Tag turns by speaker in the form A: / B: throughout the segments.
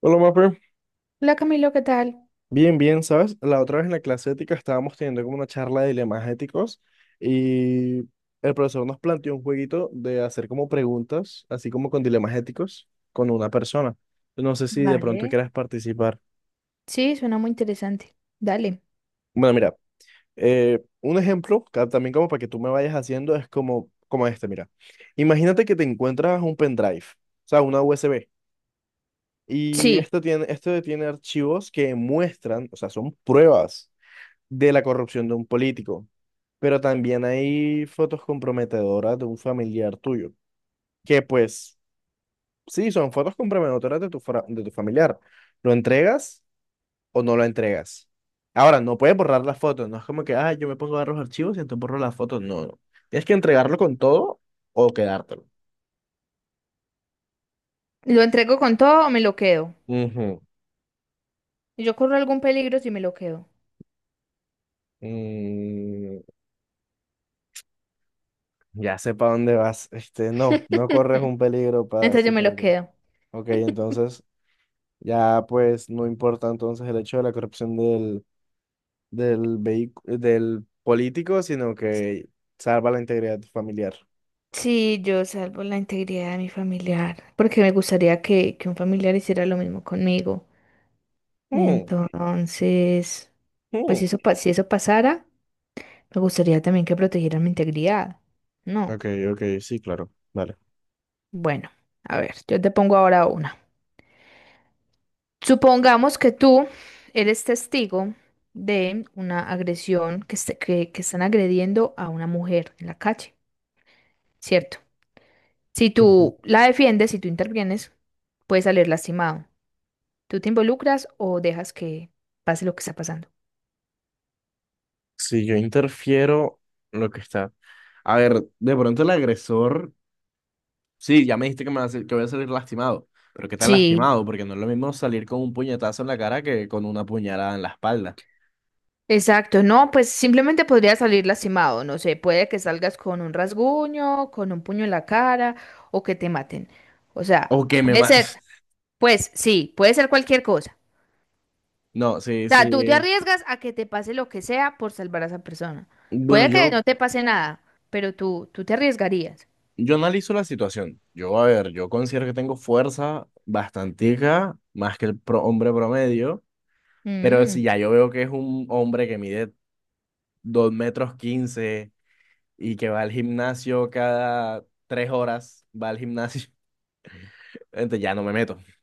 A: Hola, Mapper.
B: Hola Camilo, ¿qué tal?
A: Bien, bien, ¿sabes? La otra vez en la clase ética estábamos teniendo como una charla de dilemas éticos y el profesor nos planteó un jueguito de hacer como preguntas, así como con dilemas éticos, con una persona. No sé si de pronto
B: Vale.
A: quieras participar.
B: Sí, suena muy interesante. Dale.
A: Bueno, mira, un ejemplo, también como para que tú me vayas haciendo, es como, como este, mira. Imagínate que te encuentras un pendrive, o sea, una USB, y
B: Sí,
A: esto tiene archivos que muestran, o sea, son pruebas de la corrupción de un político. Pero también hay fotos comprometedoras de un familiar tuyo, que pues sí, son fotos comprometedoras de de tu familiar. ¿Lo entregas o no lo entregas? Ahora, no puedes borrar las fotos, no es como que, ah, yo me pongo a ver los archivos y entonces borro las fotos. No, no. Tienes que entregarlo con todo o quedártelo.
B: ¿lo entrego con todo o me lo quedo?
A: Ujú.
B: Yo corro algún peligro si me lo quedo.
A: Mm, ya sé para dónde vas. Este, no, no corres un peligro para
B: Entonces yo me
A: decirte
B: lo
A: lo que.
B: quedo.
A: Ok, entonces ya pues no importa entonces el hecho de la corrupción del del político, sino que salva la integridad familiar.
B: Sí, yo salvo la integridad de mi familiar, porque me gustaría que un familiar hiciera lo mismo conmigo.
A: Mm,
B: Entonces, pues si
A: mm.
B: eso, si eso pasara, me gustaría también que protegieran mi integridad. No.
A: Ok, ok, sí, claro. Vale.
B: Bueno, a ver, yo te pongo ahora una. Supongamos que tú eres testigo de una agresión que, que están agrediendo a una mujer en la calle, ¿cierto? Si
A: Ujú.
B: tú la defiendes, si tú intervienes, puedes salir lastimado. ¿Tú te involucras o dejas que pase lo que está pasando?
A: Si yo interfiero, lo que está. A ver, de pronto el agresor. Sí, ya me dijiste que, me va a sal- que voy a salir lastimado. Pero ¿qué tan
B: Sí,
A: lastimado? Porque no es lo mismo salir con un puñetazo en la cara que con una puñalada en la espalda.
B: exacto. No, pues simplemente podría salir lastimado. No sé, puede que salgas con un rasguño, con un puño en la cara o que te maten. O sea,
A: O que me
B: puede ser,
A: mates.
B: pues sí, puede ser cualquier cosa.
A: No, sí,
B: Sea, tú te
A: sí.
B: arriesgas a que te pase lo que sea por salvar a esa persona.
A: Bueno,
B: Puede que
A: yo
B: no te pase nada, pero tú te arriesgarías.
A: Yo analizo la situación. Yo, a ver, yo considero que tengo fuerza bastantica, más que el hombre promedio, pero
B: Mm.
A: si ya yo veo que es un hombre que mide 2 metros 15 y que va al gimnasio cada 3 horas, va al gimnasio, entonces ya no me meto. O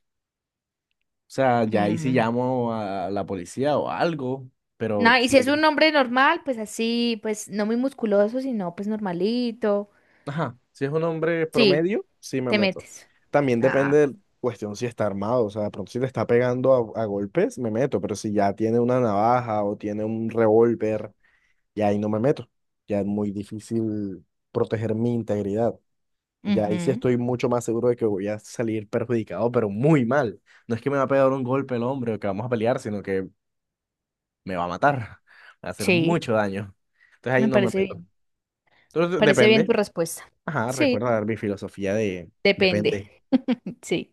A: sea, ya ahí sí
B: Mm.
A: llamo a la policía o algo, pero
B: No, y
A: sí.
B: si es un hombre normal, pues así, pues no muy musculoso, sino pues normalito.
A: Ajá, si es un hombre
B: Sí,
A: promedio, sí me
B: te
A: meto.
B: metes.
A: También
B: Ah,
A: depende de cuestión si está armado, o sea, de pronto si le está pegando a golpes, me meto, pero si ya tiene una navaja o tiene un revólver, ya ahí no me meto. Ya es muy difícil proteger mi integridad. Ya ahí sí
B: ujú,
A: estoy mucho más seguro de que voy a salir perjudicado, pero muy mal. No es que me va a pegar un golpe el hombre o que vamos a pelear, sino que me va a matar, me va a hacer
B: sí,
A: mucho daño. Entonces ahí
B: me
A: no me
B: parece
A: meto.
B: bien.
A: Entonces
B: Parece bien tu
A: depende.
B: respuesta.
A: Ajá,
B: Sí,
A: recuerda dar mi filosofía de
B: depende.
A: depende.
B: Sí.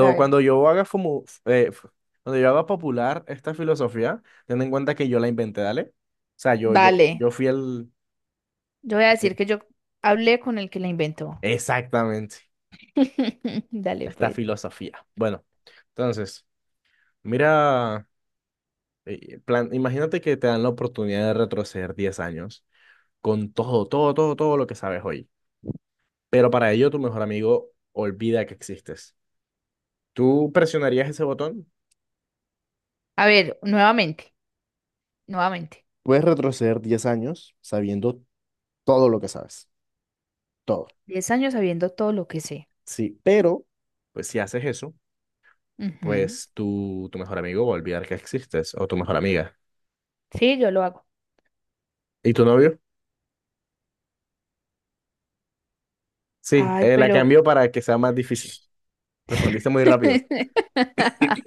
B: A ver,
A: cuando yo haga cuando yo haga popular esta filosofía, ten en cuenta que yo la inventé, dale. O sea,
B: dale.
A: yo fui el
B: Yo voy a decir que yo hablé con el que la inventó.
A: exactamente
B: Dale,
A: esta
B: pues.
A: filosofía. Bueno, entonces, mira, plan, imagínate que te dan la oportunidad de retroceder 10 años con todo, todo, todo, todo lo que sabes hoy. Pero para ello tu mejor amigo olvida que existes. ¿Tú presionarías ese botón?
B: A ver, nuevamente.
A: Puedes retroceder 10 años sabiendo todo lo que sabes, todo.
B: 10 años sabiendo todo lo que sé.
A: Sí, pero pues si haces eso,
B: Ujú.
A: pues tu mejor amigo va a olvidar que existes o tu mejor amiga.
B: Sí, yo lo hago.
A: ¿Y tu novio? Sí,
B: Ay,
A: la
B: pero...
A: cambió para que sea más difícil. Respondiste muy rápido.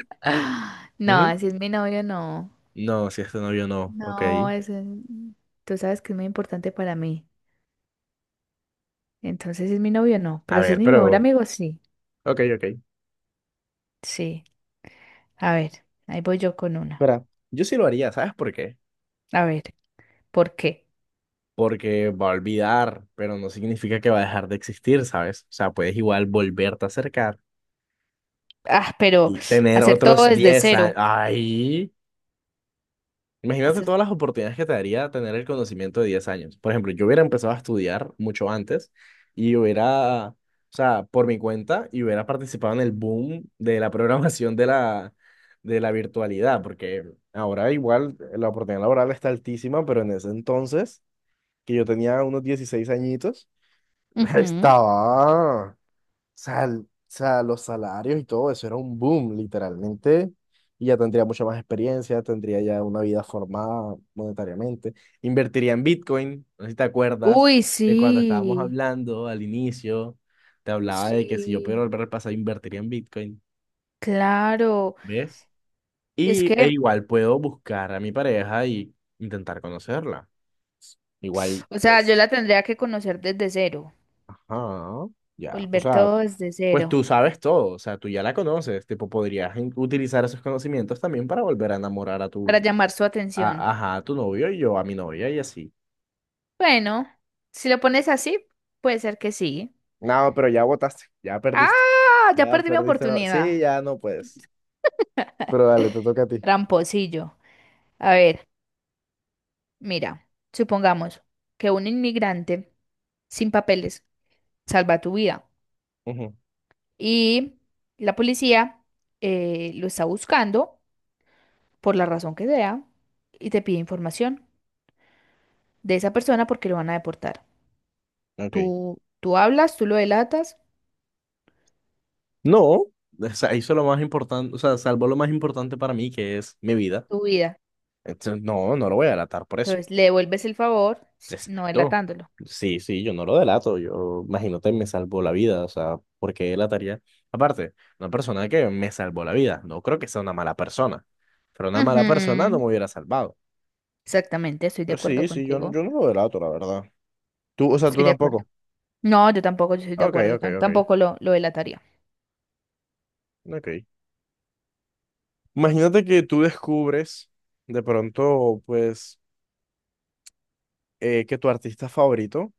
B: No,
A: Ujú.
B: así es mi novio, no.
A: No, si es tu novio, no. Ok.
B: No, es... tú sabes que es muy importante para mí. Entonces, si es mi novio, no.
A: A
B: Pero si es
A: ver,
B: mi mejor
A: pero...
B: amigo, sí.
A: Ok, ok.
B: Sí. A ver, ahí voy yo con una.
A: Espera, yo sí lo haría, ¿sabes por qué?
B: A ver, ¿por qué?
A: Porque va a olvidar, pero no significa que va a dejar de existir, ¿sabes? O sea, puedes igual volverte a acercar
B: Ah, pero
A: y tener
B: hacer todo
A: otros
B: desde
A: 10 años.
B: cero.
A: ¡Ay! Imagínate
B: Hacer...
A: todas las oportunidades que te daría tener el conocimiento de 10 años. Por ejemplo, yo hubiera empezado a estudiar mucho antes y hubiera, o sea, por mi cuenta, y hubiera participado en el boom de la programación de de la virtualidad, porque ahora igual la oportunidad laboral está altísima, pero en ese entonces, que yo tenía unos 16 añitos,
B: Ujú.
A: estaba... O sea, o sea, los salarios y todo eso era un boom, literalmente. Y ya tendría mucha más experiencia, tendría ya una vida formada monetariamente. Invertiría en Bitcoin, no sé si te acuerdas
B: Uy,
A: de cuando estábamos
B: sí.
A: hablando al inicio, te hablaba de que si yo pudiera
B: Sí,
A: volver al pasado, invertiría en Bitcoin,
B: claro.
A: ¿ves?
B: Es
A: Y e
B: que,
A: igual puedo buscar a mi pareja y intentar conocerla. Igual,
B: o sea, yo
A: pues,
B: la tendría que conocer desde cero,
A: ajá, ya. O
B: volver
A: sea,
B: todo desde
A: pues
B: cero,
A: tú sabes todo, o sea, tú ya la conoces, tipo, podrías utilizar esos conocimientos también para volver a enamorar a
B: para
A: tu,
B: llamar su atención.
A: ajá, a tu novio y yo a mi novia y así.
B: Bueno, si lo pones así, puede ser que sí.
A: No, pero ya votaste, ya perdiste.
B: Ah, ya
A: Ya
B: perdí mi
A: perdiste la... Sí,
B: oportunidad.
A: ya no puedes. Pero dale, te toca a ti.
B: Tramposillo. A ver, mira, supongamos que un inmigrante sin papeles salva tu vida
A: Ujú,
B: y la policía lo está buscando por la razón que sea y te pide información de esa persona porque lo van a deportar.
A: ok.
B: Tú hablas, tú lo delatas,
A: No, o sea, hizo lo más importante, o sea, salvó lo más importante para mí, que es mi vida.
B: tu vida.
A: Entonces, no, no lo voy a delatar por eso.
B: Entonces le devuelves el favor no
A: Exacto.
B: delatándolo.
A: Sí, sí, yo no lo delato, yo imagínate, me salvó la vida, o sea, porque él delataría? Aparte, una persona que me salvó la vida, no creo que sea una mala persona, pero una mala persona no
B: Ujú.
A: me hubiera salvado.
B: Exactamente, estoy de
A: Pero
B: acuerdo
A: sí, sí,
B: contigo.
A: yo no lo delato, la verdad. Tú, o sea, tú
B: Estoy de acuerdo.
A: tampoco.
B: No, yo tampoco, yo estoy de
A: Ok,
B: acuerdo.
A: ok, ok,
B: Tampoco lo delataría.
A: ok. Imagínate que tú descubres de pronto, pues, que tu artista favorito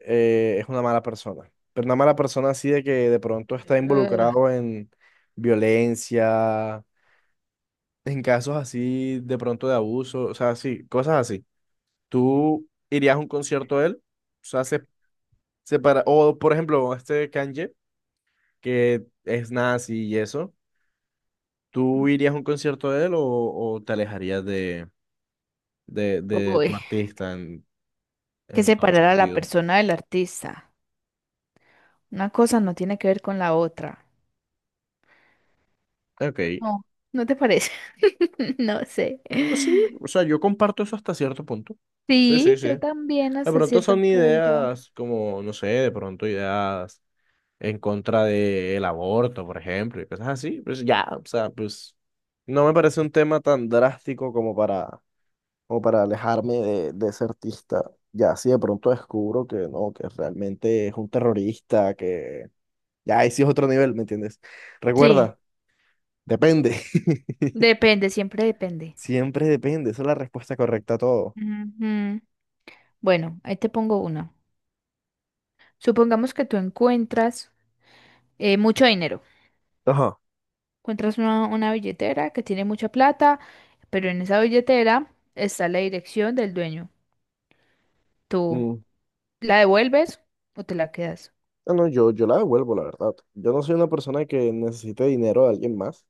A: es una mala persona. Pero una mala persona así de que de pronto está
B: Ugh.
A: involucrado en violencia, en casos así de pronto de abuso, o sea, sí, cosas así. ¿Tú irías a un concierto de él? O sea, o por ejemplo, este Kanye, que es nazi y eso, ¿tú irías a un concierto de él o te alejarías de tu
B: Uy,
A: artista
B: que
A: en todo
B: separar a la
A: sentido?
B: persona del artista. Una cosa no tiene que ver con la otra.
A: Ok,
B: No, ¿no te parece? No sé.
A: pues sí, o sea, yo comparto eso hasta cierto punto. Sí, sí,
B: Sí,
A: sí.
B: yo
A: De
B: también hasta
A: pronto
B: cierto
A: son
B: punto.
A: ideas como, no sé, de pronto ideas en contra del aborto, por ejemplo, y cosas así. Pues ya, o sea, pues no me parece un tema tan drástico como para, como para alejarme de ese artista. Ya, si de pronto descubro que no, que realmente es un terrorista, que ya, ahí sí es otro nivel, ¿me entiendes?
B: Sí,
A: Recuerda, depende.
B: depende, siempre depende.
A: Siempre depende, esa es la respuesta correcta a todo.
B: Ujú. Bueno, ahí te pongo una. Supongamos que tú encuentras mucho dinero.
A: Ajá.
B: Encuentras una billetera que tiene mucha plata, pero en esa billetera está la dirección del dueño. ¿Tú la devuelves o te la quedas?
A: No, no, yo la devuelvo, la verdad. Yo no soy una persona que necesite dinero de alguien más.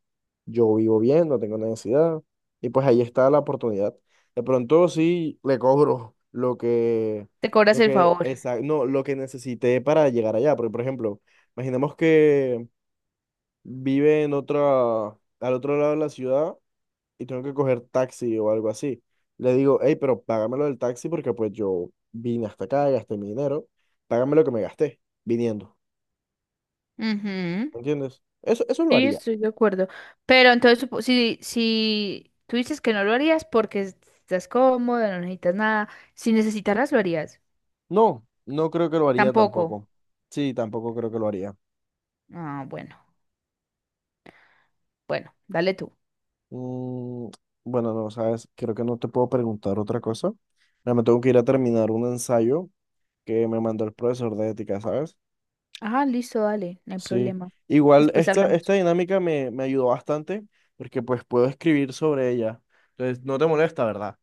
A: Yo vivo bien, no tengo necesidad. Y pues ahí está la oportunidad. De pronto sí le cobro
B: Te cobras el favor.
A: no, lo que necesité para llegar allá. Porque, por ejemplo, imaginemos que vive en otra, al otro lado de la ciudad y tengo que coger taxi o algo así. Le digo, hey, pero págamelo del taxi porque pues yo vine hasta acá, gasté mi dinero, págame lo que me gasté viniendo.
B: Ujú.
A: ¿Entiendes? Eso lo
B: Sí,
A: haría.
B: estoy de acuerdo. Pero entonces, si, si tú dices que no lo harías porque estás cómoda, no necesitas nada, si necesitaras lo harías.
A: No, no creo que lo haría
B: Tampoco.
A: tampoco. Sí, tampoco creo que lo haría.
B: Ah, bueno, bueno, dale tú.
A: Mm, bueno, no, sabes, creo que no te puedo preguntar otra cosa. Ya me tengo que ir a terminar un ensayo que me mandó el profesor de ética, ¿sabes?
B: Ah, listo, dale, no hay
A: Sí.
B: problema.
A: Igual
B: Después
A: esta
B: hablamos.
A: dinámica me ayudó bastante porque pues puedo escribir sobre ella. Entonces, no te molesta, ¿verdad?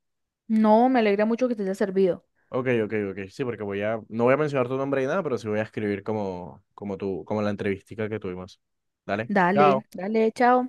B: No, me alegra mucho que te haya servido.
A: Ok, ok, ok. Sí, porque no voy a mencionar tu nombre ni nada, pero sí voy a escribir como, como tú, como la entrevistica que tuvimos. Dale.
B: Dale,
A: Chao.
B: dale, chao.